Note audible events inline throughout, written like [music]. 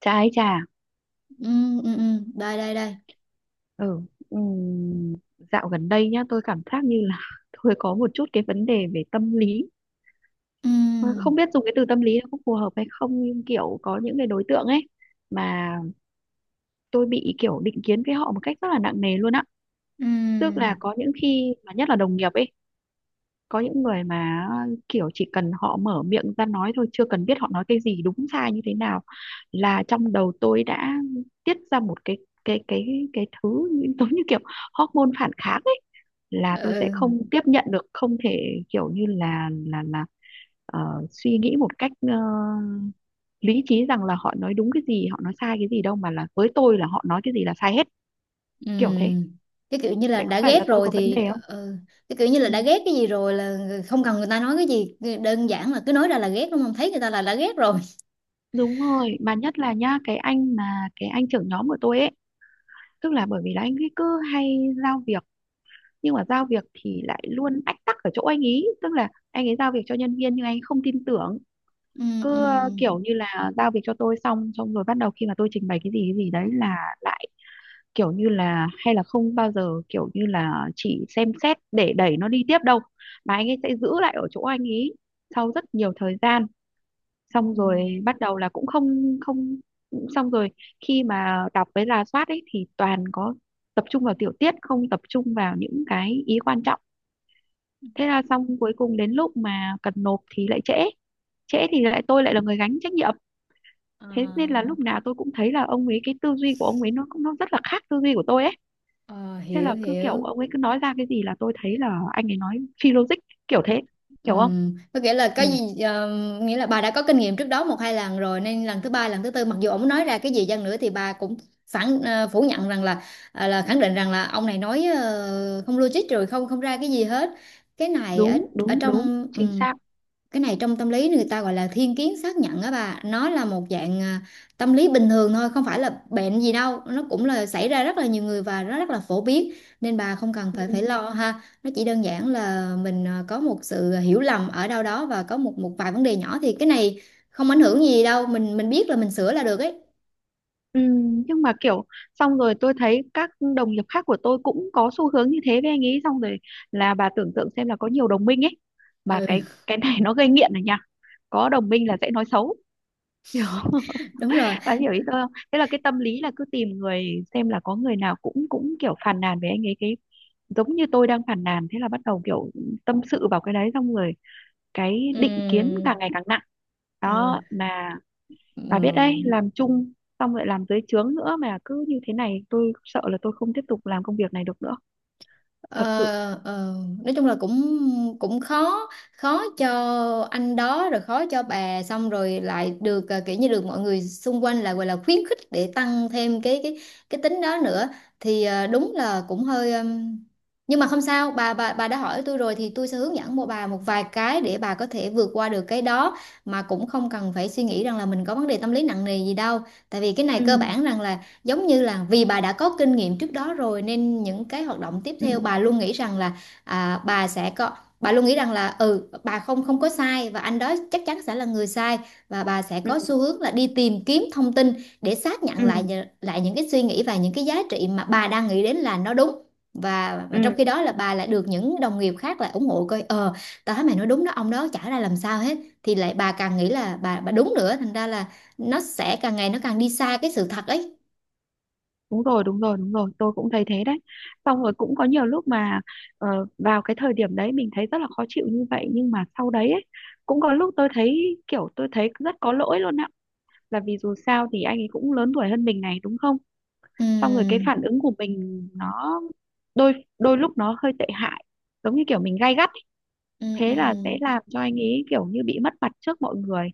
Trà ấy trà. Ừ, ừ, ừ. Đây đây đây. Ừ, ừm, dạo gần đây nhá, tôi cảm giác như là [laughs] tôi có một chút cái vấn đề về tâm lý. Mà không Ừ, biết dùng cái từ tâm lý nó có phù hợp hay không, nhưng kiểu có những cái đối tượng ấy mà tôi bị kiểu định kiến với họ một cách rất là nặng nề luôn á. ừ, Tức là có những khi mà nhất là đồng nghiệp ấy, có những người mà kiểu chỉ cần họ mở miệng ra nói thôi, chưa cần biết họ nói cái gì đúng sai như thế nào, là trong đầu tôi đã tiết ra một cái [laughs] giống như kiểu hormone phản kháng ấy, là tôi sẽ ừ, không tiếp nhận được, không thể kiểu như là ờ, suy nghĩ một cách lý trí rằng là họ nói đúng cái gì họ nói sai cái gì đâu, mà là với tôi là họ nói cái gì là sai hết, ừ. kiểu thế. Cái kiểu như là Vậy có đã phải là ghét tôi rồi có vấn đề thì... không? Ừ. Cái kiểu như là Ừ. đã ghét cái gì rồi là không cần người ta nói cái gì, đơn giản là cứ nói ra là ghét, đúng không? Thấy người ta là đã ghét rồi. Đúng rồi, mà nhất là nhá, cái anh trưởng nhóm của tôi ấy, tức là bởi vì là anh ấy cứ hay giao việc, nhưng mà giao việc thì lại luôn ách tắc ở chỗ anh ý, tức là anh ấy giao việc cho nhân viên nhưng anh ấy không tin tưởng, Ừ, ừ, cứ kiểu như là giao việc cho tôi xong xong rồi bắt đầu, khi mà tôi trình bày cái gì đấy là lại kiểu như là, hay là không bao giờ kiểu như là chỉ xem xét để đẩy nó đi tiếp đâu, mà anh ấy sẽ giữ lại ở chỗ anh ý sau rất nhiều thời gian, xong ừ. rồi bắt đầu là cũng không không xong rồi khi mà đọc với rà soát ấy thì toàn có tập trung vào tiểu tiết, không tập trung vào những cái ý quan trọng, thế là xong, cuối cùng đến lúc mà cần nộp thì lại trễ, trễ thì lại tôi lại là người gánh trách nhiệm. Thế nên là à, lúc nào tôi cũng thấy là ông ấy, cái tư duy của ông ấy nó rất là khác tư duy của tôi ấy, thế Hiểu là cứ kiểu hiểu. ông ấy cứ nói ra cái gì là tôi thấy là anh ấy nói phi logic, kiểu thế. Hiểu không? Có nghĩa là Ừ, cái gì, nghĩa là bà đã có kinh nghiệm trước đó một hai lần rồi nên lần thứ ba, lần thứ tư, mặc dù ông nói ra cái gì chăng nữa thì bà cũng phủ nhận rằng là, à, là khẳng định rằng là ông này nói không logic rồi, không không ra cái gì hết. Cái này ở đúng ở đúng đúng, trong, chính xác. cái này trong tâm lý người ta gọi là thiên kiến xác nhận á bà, nó là một dạng, à, tâm lý bình thường thôi, không phải là bệnh gì đâu, nó cũng là xảy ra rất là nhiều người và nó rất là phổ biến. Nên bà không cần Ừ, phải phải lo ha, nó chỉ đơn giản là mình, à, có một sự hiểu lầm ở đâu đó, và có một một vài vấn đề nhỏ thì cái này không ảnh hưởng gì đâu, mình biết là mình sửa là được ấy. ừ, nhưng mà kiểu, xong rồi tôi thấy các đồng nghiệp khác của tôi cũng có xu hướng như thế với anh ấy, xong rồi là bà tưởng tượng xem là có nhiều đồng minh ấy, mà cái Ừ. cái này nó gây nghiện rồi nha, có đồng minh là sẽ nói xấu, hiểu không? [laughs] [laughs] Đúng rồi. Bà hiểu ý tôi không? Thế là cái tâm lý là cứ tìm người, xem là có người nào cũng cũng kiểu phàn nàn với anh ấy, cái giống như tôi đang phàn nàn, thế là bắt đầu kiểu tâm sự vào cái đấy, xong rồi cái định kiến càng Ừm, ngày càng nặng, ừ. đó mà. Bà biết đấy, Ừ. làm chung xong lại làm dưới trướng nữa mà cứ như thế này tôi sợ là tôi không tiếp tục làm công việc này được nữa, Ờ, thật sự. ờ, nói chung là cũng cũng khó khó cho anh đó rồi, khó cho bà, xong rồi lại được, à, kiểu như được mọi người xung quanh lại gọi là khuyến khích để tăng thêm cái tính đó nữa. Thì, à, đúng là cũng hơi, nhưng mà không sao, bà đã hỏi tôi rồi thì tôi sẽ hướng dẫn bà một vài cái để bà có thể vượt qua được cái đó. Mà cũng không cần phải suy nghĩ rằng là mình có vấn đề tâm lý nặng nề gì đâu, tại vì cái này Ừ, cơ bản rằng là giống như là vì bà đã có kinh nghiệm trước đó rồi nên những cái hoạt động tiếp ừ, theo bà luôn nghĩ rằng là, à, bà sẽ có bà luôn nghĩ rằng là bà không không có sai và anh đó chắc chắn sẽ là người sai, và bà sẽ ừ, có xu hướng là đi tìm kiếm thông tin để xác ừ, nhận lại, lại những cái suy nghĩ và những cái giá trị mà bà đang nghĩ đến là nó đúng. Và ừ, trong khi đó là bà lại được những đồng nghiệp khác lại ủng hộ, coi, tao thấy mày nói đúng đó, ông đó chả ra làm sao hết, thì lại bà càng nghĩ là bà đúng nữa, thành ra là nó sẽ càng ngày nó càng đi xa cái sự thật ấy. đúng rồi, đúng rồi, đúng rồi, tôi cũng thấy thế đấy. Xong rồi cũng có nhiều lúc mà ờ, vào cái thời điểm đấy mình thấy rất là khó chịu như vậy, nhưng mà sau đấy ấy, cũng có lúc tôi thấy rất có lỗi luôn ạ, là vì dù sao thì anh ấy cũng lớn tuổi hơn mình này, đúng không? Xong rồi cái Ừ, phản ứng của mình nó đôi đôi lúc nó hơi tệ hại, giống như kiểu mình gay gắt, ừ, ừ, thế là sẽ làm cho anh ấy kiểu như bị mất mặt trước mọi người,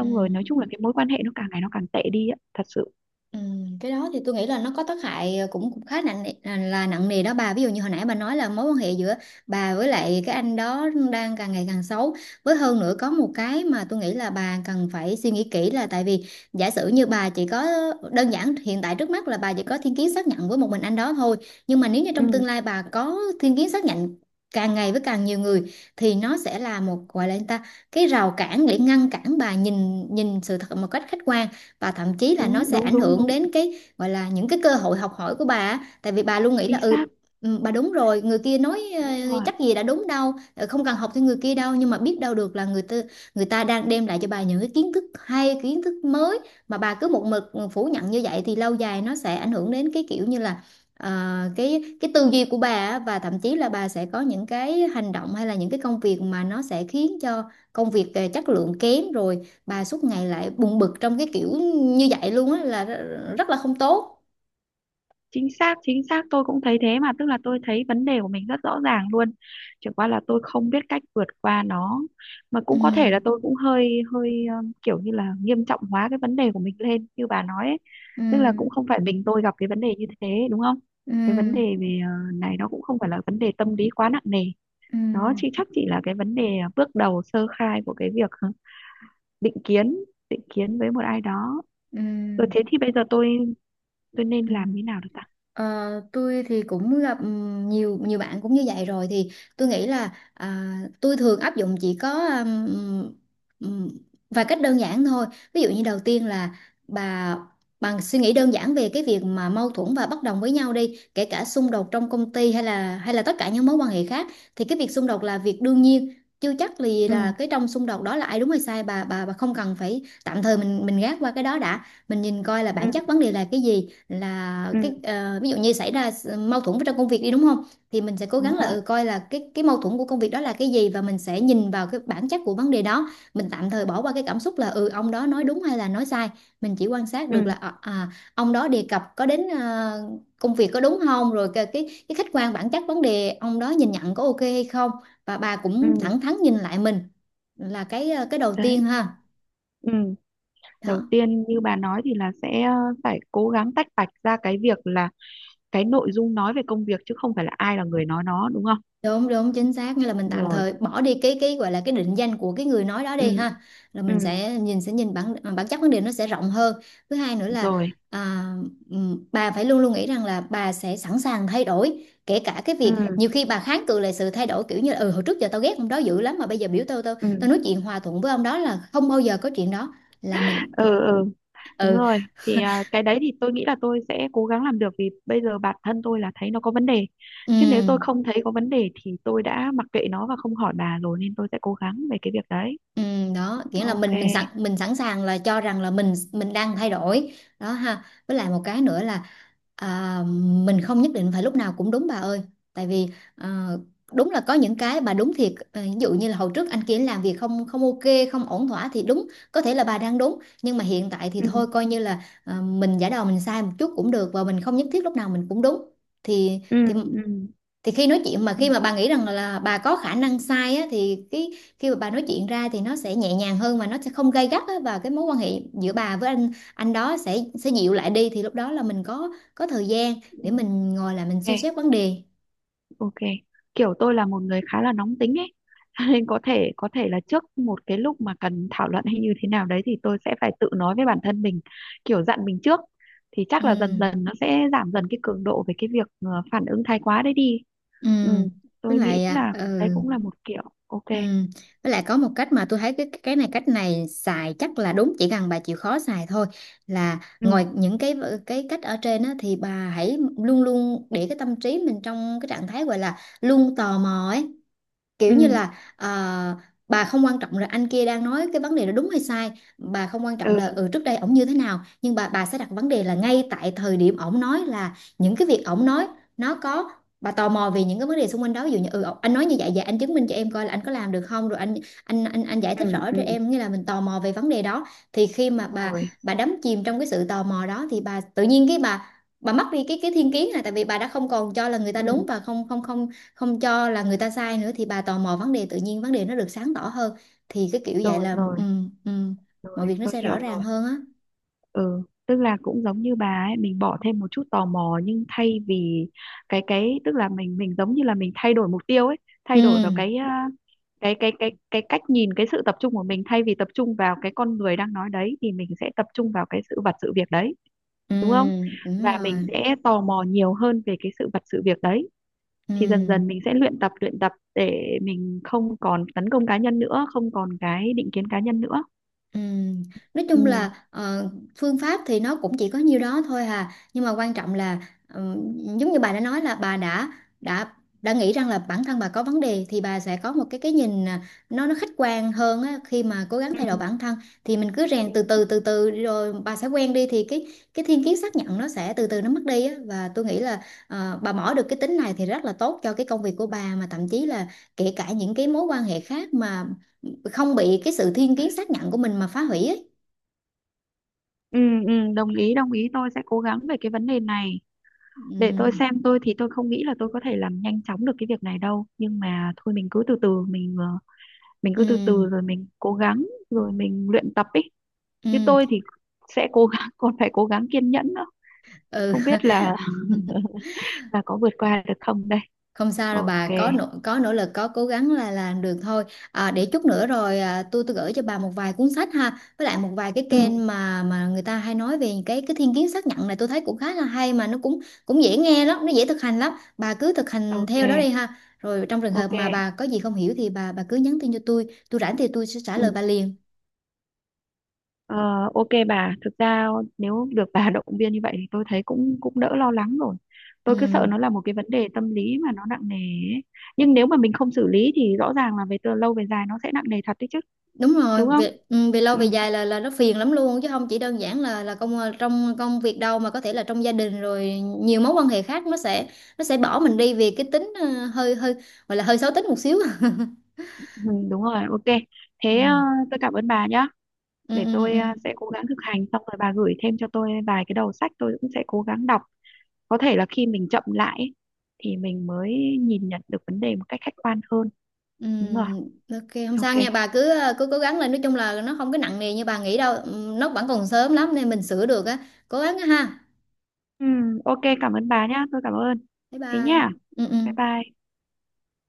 ừ. rồi nói chung là cái mối quan hệ nó càng ngày nó càng tệ đi á, thật sự. Ừ, cái đó thì tôi nghĩ là nó có tác hại, cũng cũng khá là nặng nề đó bà. Ví dụ như hồi nãy bà nói là mối quan hệ giữa bà với lại cái anh đó đang càng ngày càng xấu, với hơn nữa có một cái mà tôi nghĩ là bà cần phải suy nghĩ kỹ là tại vì giả sử như bà chỉ có, đơn giản hiện tại trước mắt là bà chỉ có thiên kiến xác nhận với một mình anh đó thôi, nhưng mà nếu như trong Ừ, tương lai bà có thiên kiến xác nhận càng ngày với càng nhiều người thì nó sẽ là một, gọi là, người ta, cái rào cản để ngăn cản bà nhìn nhìn sự thật một cách khách quan. Và thậm chí là nó đúng sẽ đúng ảnh đúng hưởng đúng, đến cái gọi là những cái cơ hội học hỏi của bà á. Tại vì bà luôn nghĩ chính là, xác. Bà đúng rồi, người kia nói, Đúng rồi, chắc gì đã đúng đâu, không cần học theo người kia đâu, nhưng mà biết đâu được là người ta đang đem lại cho bà những cái kiến thức hay, kiến thức mới, mà bà cứ một mực phủ nhận như vậy thì lâu dài nó sẽ ảnh hưởng đến cái kiểu như là, ờ, cái tư duy của bà á, và thậm chí là bà sẽ có những cái hành động hay là những cái công việc mà nó sẽ khiến cho công việc chất lượng kém rồi, bà suốt ngày lại buồn bực trong cái kiểu như vậy luôn á, là rất là không tốt. chính xác, chính xác, tôi cũng thấy thế mà, tức là tôi thấy vấn đề của mình rất rõ ràng luôn, chỉ qua là tôi không biết cách vượt qua nó, mà cũng có thể là Ừ, tôi cũng hơi hơi kiểu như là nghiêm trọng hóa cái vấn đề của mình lên như bà nói ấy. ừ, Tức là cũng không phải mình tôi gặp cái vấn đề như thế, đúng không? Cái vấn ừ, đề về này nó cũng không phải là vấn đề tâm lý quá nặng nề, ừ, đó chị, chắc chỉ là cái vấn đề bước đầu sơ khai của cái việc định kiến, định kiến với một ai đó. ừ, Rồi thế thì bây giờ tôi nên ừ. làm như nào được ta? Ờ, tôi thì cũng gặp, nhiều nhiều bạn cũng như vậy rồi thì tôi nghĩ là, à, tôi thường áp dụng chỉ có, ừm, vài cách đơn giản thôi. Ví dụ như đầu tiên là bà bằng suy nghĩ đơn giản về cái việc mà mâu thuẫn và bất đồng với nhau đi, kể cả xung đột trong công ty, hay là tất cả những mối quan hệ khác, thì cái việc xung đột là việc đương nhiên. Chưa chắc là Ừ, cái trong xung đột đó là ai đúng hay sai, bà không cần phải, tạm thời mình gác qua cái đó đã, mình nhìn coi là ừ, bản chất vấn đề là cái gì. Là ừ, cái, ví dụ như xảy ra mâu thuẫn trong công việc đi, đúng không? Thì mình sẽ cố đúng gắng là, rồi, coi là cái mâu thuẫn của công việc đó là cái gì, và mình sẽ nhìn vào cái bản chất của vấn đề đó, mình tạm thời bỏ qua cái cảm xúc là, ông đó nói đúng hay là nói sai. Mình chỉ quan sát được ừ, là, à, ông đó đề cập có đến, công việc, có đúng không, rồi cái khách quan bản chất vấn đề ông đó nhìn nhận có ok hay không. Và bà cũng ừ, thẳng thắn nhìn lại mình, là cái, cái đầu đấy, tiên ha. ừ. Đầu Đó, tiên như bà nói thì là sẽ phải cố gắng tách bạch ra cái việc là cái nội dung nói về công việc chứ không phải là ai là người nói, nó đúng không? đúng đúng, chính xác, nghĩa là mình tạm Rồi, thời bỏ đi cái gọi là cái định danh của cái người nói đó ừ, đi ha, là mình ừ, sẽ nhìn bản chất vấn đề, nó sẽ rộng hơn. Thứ hai nữa là, rồi, à, bà phải luôn luôn nghĩ rằng là bà sẽ sẵn sàng thay đổi, kể cả cái ừ, việc nhiều khi bà kháng cự lại sự thay đổi, kiểu như là, hồi trước giờ tao ghét ông đó dữ lắm mà bây giờ biểu tao tao ừ, tao nói chuyện hòa thuận với ông đó là không bao giờ có chuyện đó. Là mình. ừ. Đúng rồi, thì cái đấy thì tôi nghĩ là tôi sẽ cố gắng làm được, vì bây giờ bản thân tôi là thấy nó có vấn đề. Ừ. Chứ nếu tôi không thấy có vấn đề thì tôi đã mặc kệ nó và không hỏi bà rồi, nên tôi sẽ cố gắng về cái việc đấy. Ừ, đó nghĩa là Ok. mình sẵn sàng là cho rằng là mình đang thay đổi đó ha, với lại một cái nữa là, à, mình không nhất định phải lúc nào cũng đúng bà ơi, tại vì, à, đúng là có những cái bà đúng thiệt, à, ví dụ như là hồi trước anh kia làm việc không không ok, không ổn thỏa, thì đúng có thể là bà đang đúng, nhưng mà hiện tại thì Ừ, thôi coi như là, à, mình giả đò mình sai một chút cũng được, và mình không nhất thiết lúc nào mình cũng đúng. thì ừ, thì ừ, thì khi nói chuyện, mà khi mà bà nghĩ rằng là bà có khả năng sai á, thì cái, khi mà bà nói chuyện ra thì nó sẽ nhẹ nhàng hơn, mà nó sẽ không gay gắt á, và cái mối quan hệ giữa bà với anh đó sẽ dịu lại đi, thì lúc đó là mình có thời gian ừ. để mình ngồi lại mình Ok, suy xét vấn đề. ok. Kiểu tôi là một người khá là nóng tính ấy. [laughs] Nên có thể là trước một cái lúc mà cần thảo luận hay như thế nào đấy thì tôi sẽ phải tự nói với bản thân mình, kiểu dặn mình trước, thì chắc là dần Ừ. dần nó sẽ giảm dần cái cường độ về cái việc phản ứng thái quá đấy đi. ừ Ừ, với tôi nghĩ lại, à, là đấy cũng là một kiểu ok. ừ với lại có một cách mà tôi thấy cái này, cách này xài chắc là đúng, chỉ cần bà chịu khó xài thôi. Là Ừ, ngoài những cái cách ở trên á, thì bà hãy luôn luôn để cái tâm trí mình trong cái trạng thái gọi là luôn tò mò ấy, kiểu như ừ, là, à, bà không quan trọng là anh kia đang nói cái vấn đề đó đúng hay sai, bà không quan ừ, trọng là, trước đây ổng như thế nào, nhưng bà sẽ đặt vấn đề là ngay tại thời điểm ổng nói là những cái việc ổng nói, nó có bà tò mò về những cái vấn đề xung quanh đó, ví dụ như, anh nói như vậy, vậy anh chứng minh cho em coi là anh có làm được không, rồi anh, anh giải thích ừ, rõ ừ, cho em, nghĩa là mình tò mò về vấn đề đó. Thì khi mà bà rồi, bà đắm chìm trong cái sự tò mò đó, thì bà tự nhiên cái bà mất đi cái thiên kiến, là tại vì bà đã không còn cho là người ta ừ, đúng và không không không không cho là người ta sai nữa, thì bà tò mò vấn đề tự nhiên, vấn đề nó được sáng tỏ hơn. Thì cái kiểu vậy rồi, là, rồi, ừ, mọi rồi, việc nó tôi sẽ hiểu rõ rồi, ràng hơn á. ừ. Tức là cũng giống như bà ấy, mình bỏ thêm một chút tò mò, nhưng thay vì cái tức là mình giống như là mình thay đổi mục tiêu ấy, Ừ, thay đổi vào cái cái cách nhìn, cái sự tập trung của mình, thay vì tập trung vào cái con người đang nói đấy thì mình sẽ tập trung vào cái sự vật sự việc đấy, ừ, đúng không? đúng Và mình rồi. sẽ tò mò nhiều hơn về cái sự vật sự việc đấy, thì dần Ừ. dần mình sẽ luyện tập để mình không còn tấn công cá nhân nữa, không còn cái định kiến cá nhân nữa. Ừm, Nói chung Ừ. là, phương pháp thì nó cũng chỉ có nhiêu đó thôi hà, nhưng mà quan trọng là, ừm, giống như bà đã nói là bà đã đã nghĩ rằng là bản thân bà có vấn đề, thì bà sẽ có một cái nhìn, à, nó khách quan hơn á, khi mà cố gắng Ừ. thay đổi bản thân, thì mình cứ rèn từ từ từ từ, rồi bà sẽ quen đi, thì cái thiên kiến xác nhận nó sẽ từ từ nó mất đi á. Và tôi nghĩ là, bà bỏ được cái tính này thì rất là tốt cho cái công việc của bà, mà thậm chí là kể cả những cái mối quan hệ khác mà không bị cái sự thiên kiến xác nhận của mình mà phá hủy ấy. Ừ, ừ, đồng ý đồng ý, tôi sẽ cố gắng về cái vấn đề này. Để Ừ, tôi xem, tôi thì tôi không nghĩ là tôi có thể làm nhanh chóng được cái việc này đâu, nhưng mà thôi mình cứ từ từ ừ, rồi mình cố gắng, rồi mình luyện tập ý. Như ừ, tôi thì sẽ cố gắng [laughs] còn phải cố gắng kiên nhẫn nữa, ừ. không biết là [laughs] là có vượt qua được không đây. Không sao đâu, bà Ok, có nỗ lực, có cố gắng là làm được thôi. À, để chút nữa rồi, à, tôi gửi cho bà một vài cuốn sách ha, với lại một vài cái ừ, kênh mà người ta hay nói về cái thiên kiến xác nhận này, tôi thấy cũng khá là hay, mà nó cũng cũng dễ nghe lắm, nó dễ thực hành lắm. Bà cứ thực hành theo đó đi ok, ha. Rồi trong trường hợp ok, mà bà có gì không hiểu thì bà cứ nhắn tin cho tôi rảnh thì tôi sẽ trả ừ. lời bà liền. Ờ, ok bà, thực ra nếu được bà [laughs] động viên như vậy thì tôi thấy cũng cũng đỡ lo lắng rồi. Ừ. Tôi cứ sợ nó là một cái vấn đề tâm lý mà nó nặng nề ấy. Nhưng nếu mà mình không xử lý thì rõ ràng là về từ lâu về dài nó sẽ nặng nề thật đấy chứ, Đúng rồi, đúng không? về, về lâu Ừ, về dài là nó phiền lắm luôn, chứ không chỉ đơn giản là trong công việc đâu, mà có thể là trong gia đình rồi, nhiều mối quan hệ khác nó sẽ bỏ mình đi vì cái tính, hơi hơi gọi là hơi xấu tính một xíu. [laughs] ừ, đúng rồi, ok. Thế Ừ. tôi cảm ơn bà nhá. Ừ, Để ừ, ừ. tôi Ừ. Sẽ cố gắng thực hành, xong rồi bà gửi thêm cho tôi vài cái đầu sách tôi cũng sẽ cố gắng đọc. Có thể là khi mình chậm lại ấy, thì mình mới nhìn nhận được vấn đề một cách khách quan hơn. Ừ, Đúng rồi, ok, không sao ok. nha, bà cứ cố gắng lên, nói chung là nó không có nặng nề như bà nghĩ đâu. Ừ, nó vẫn còn sớm lắm nên mình sửa được á. Cố gắng á ha. Ừ, ok cảm ơn bà nhá, tôi cảm ơn. Bye Thế bye. nhá, Ừ, bye ừ. bye.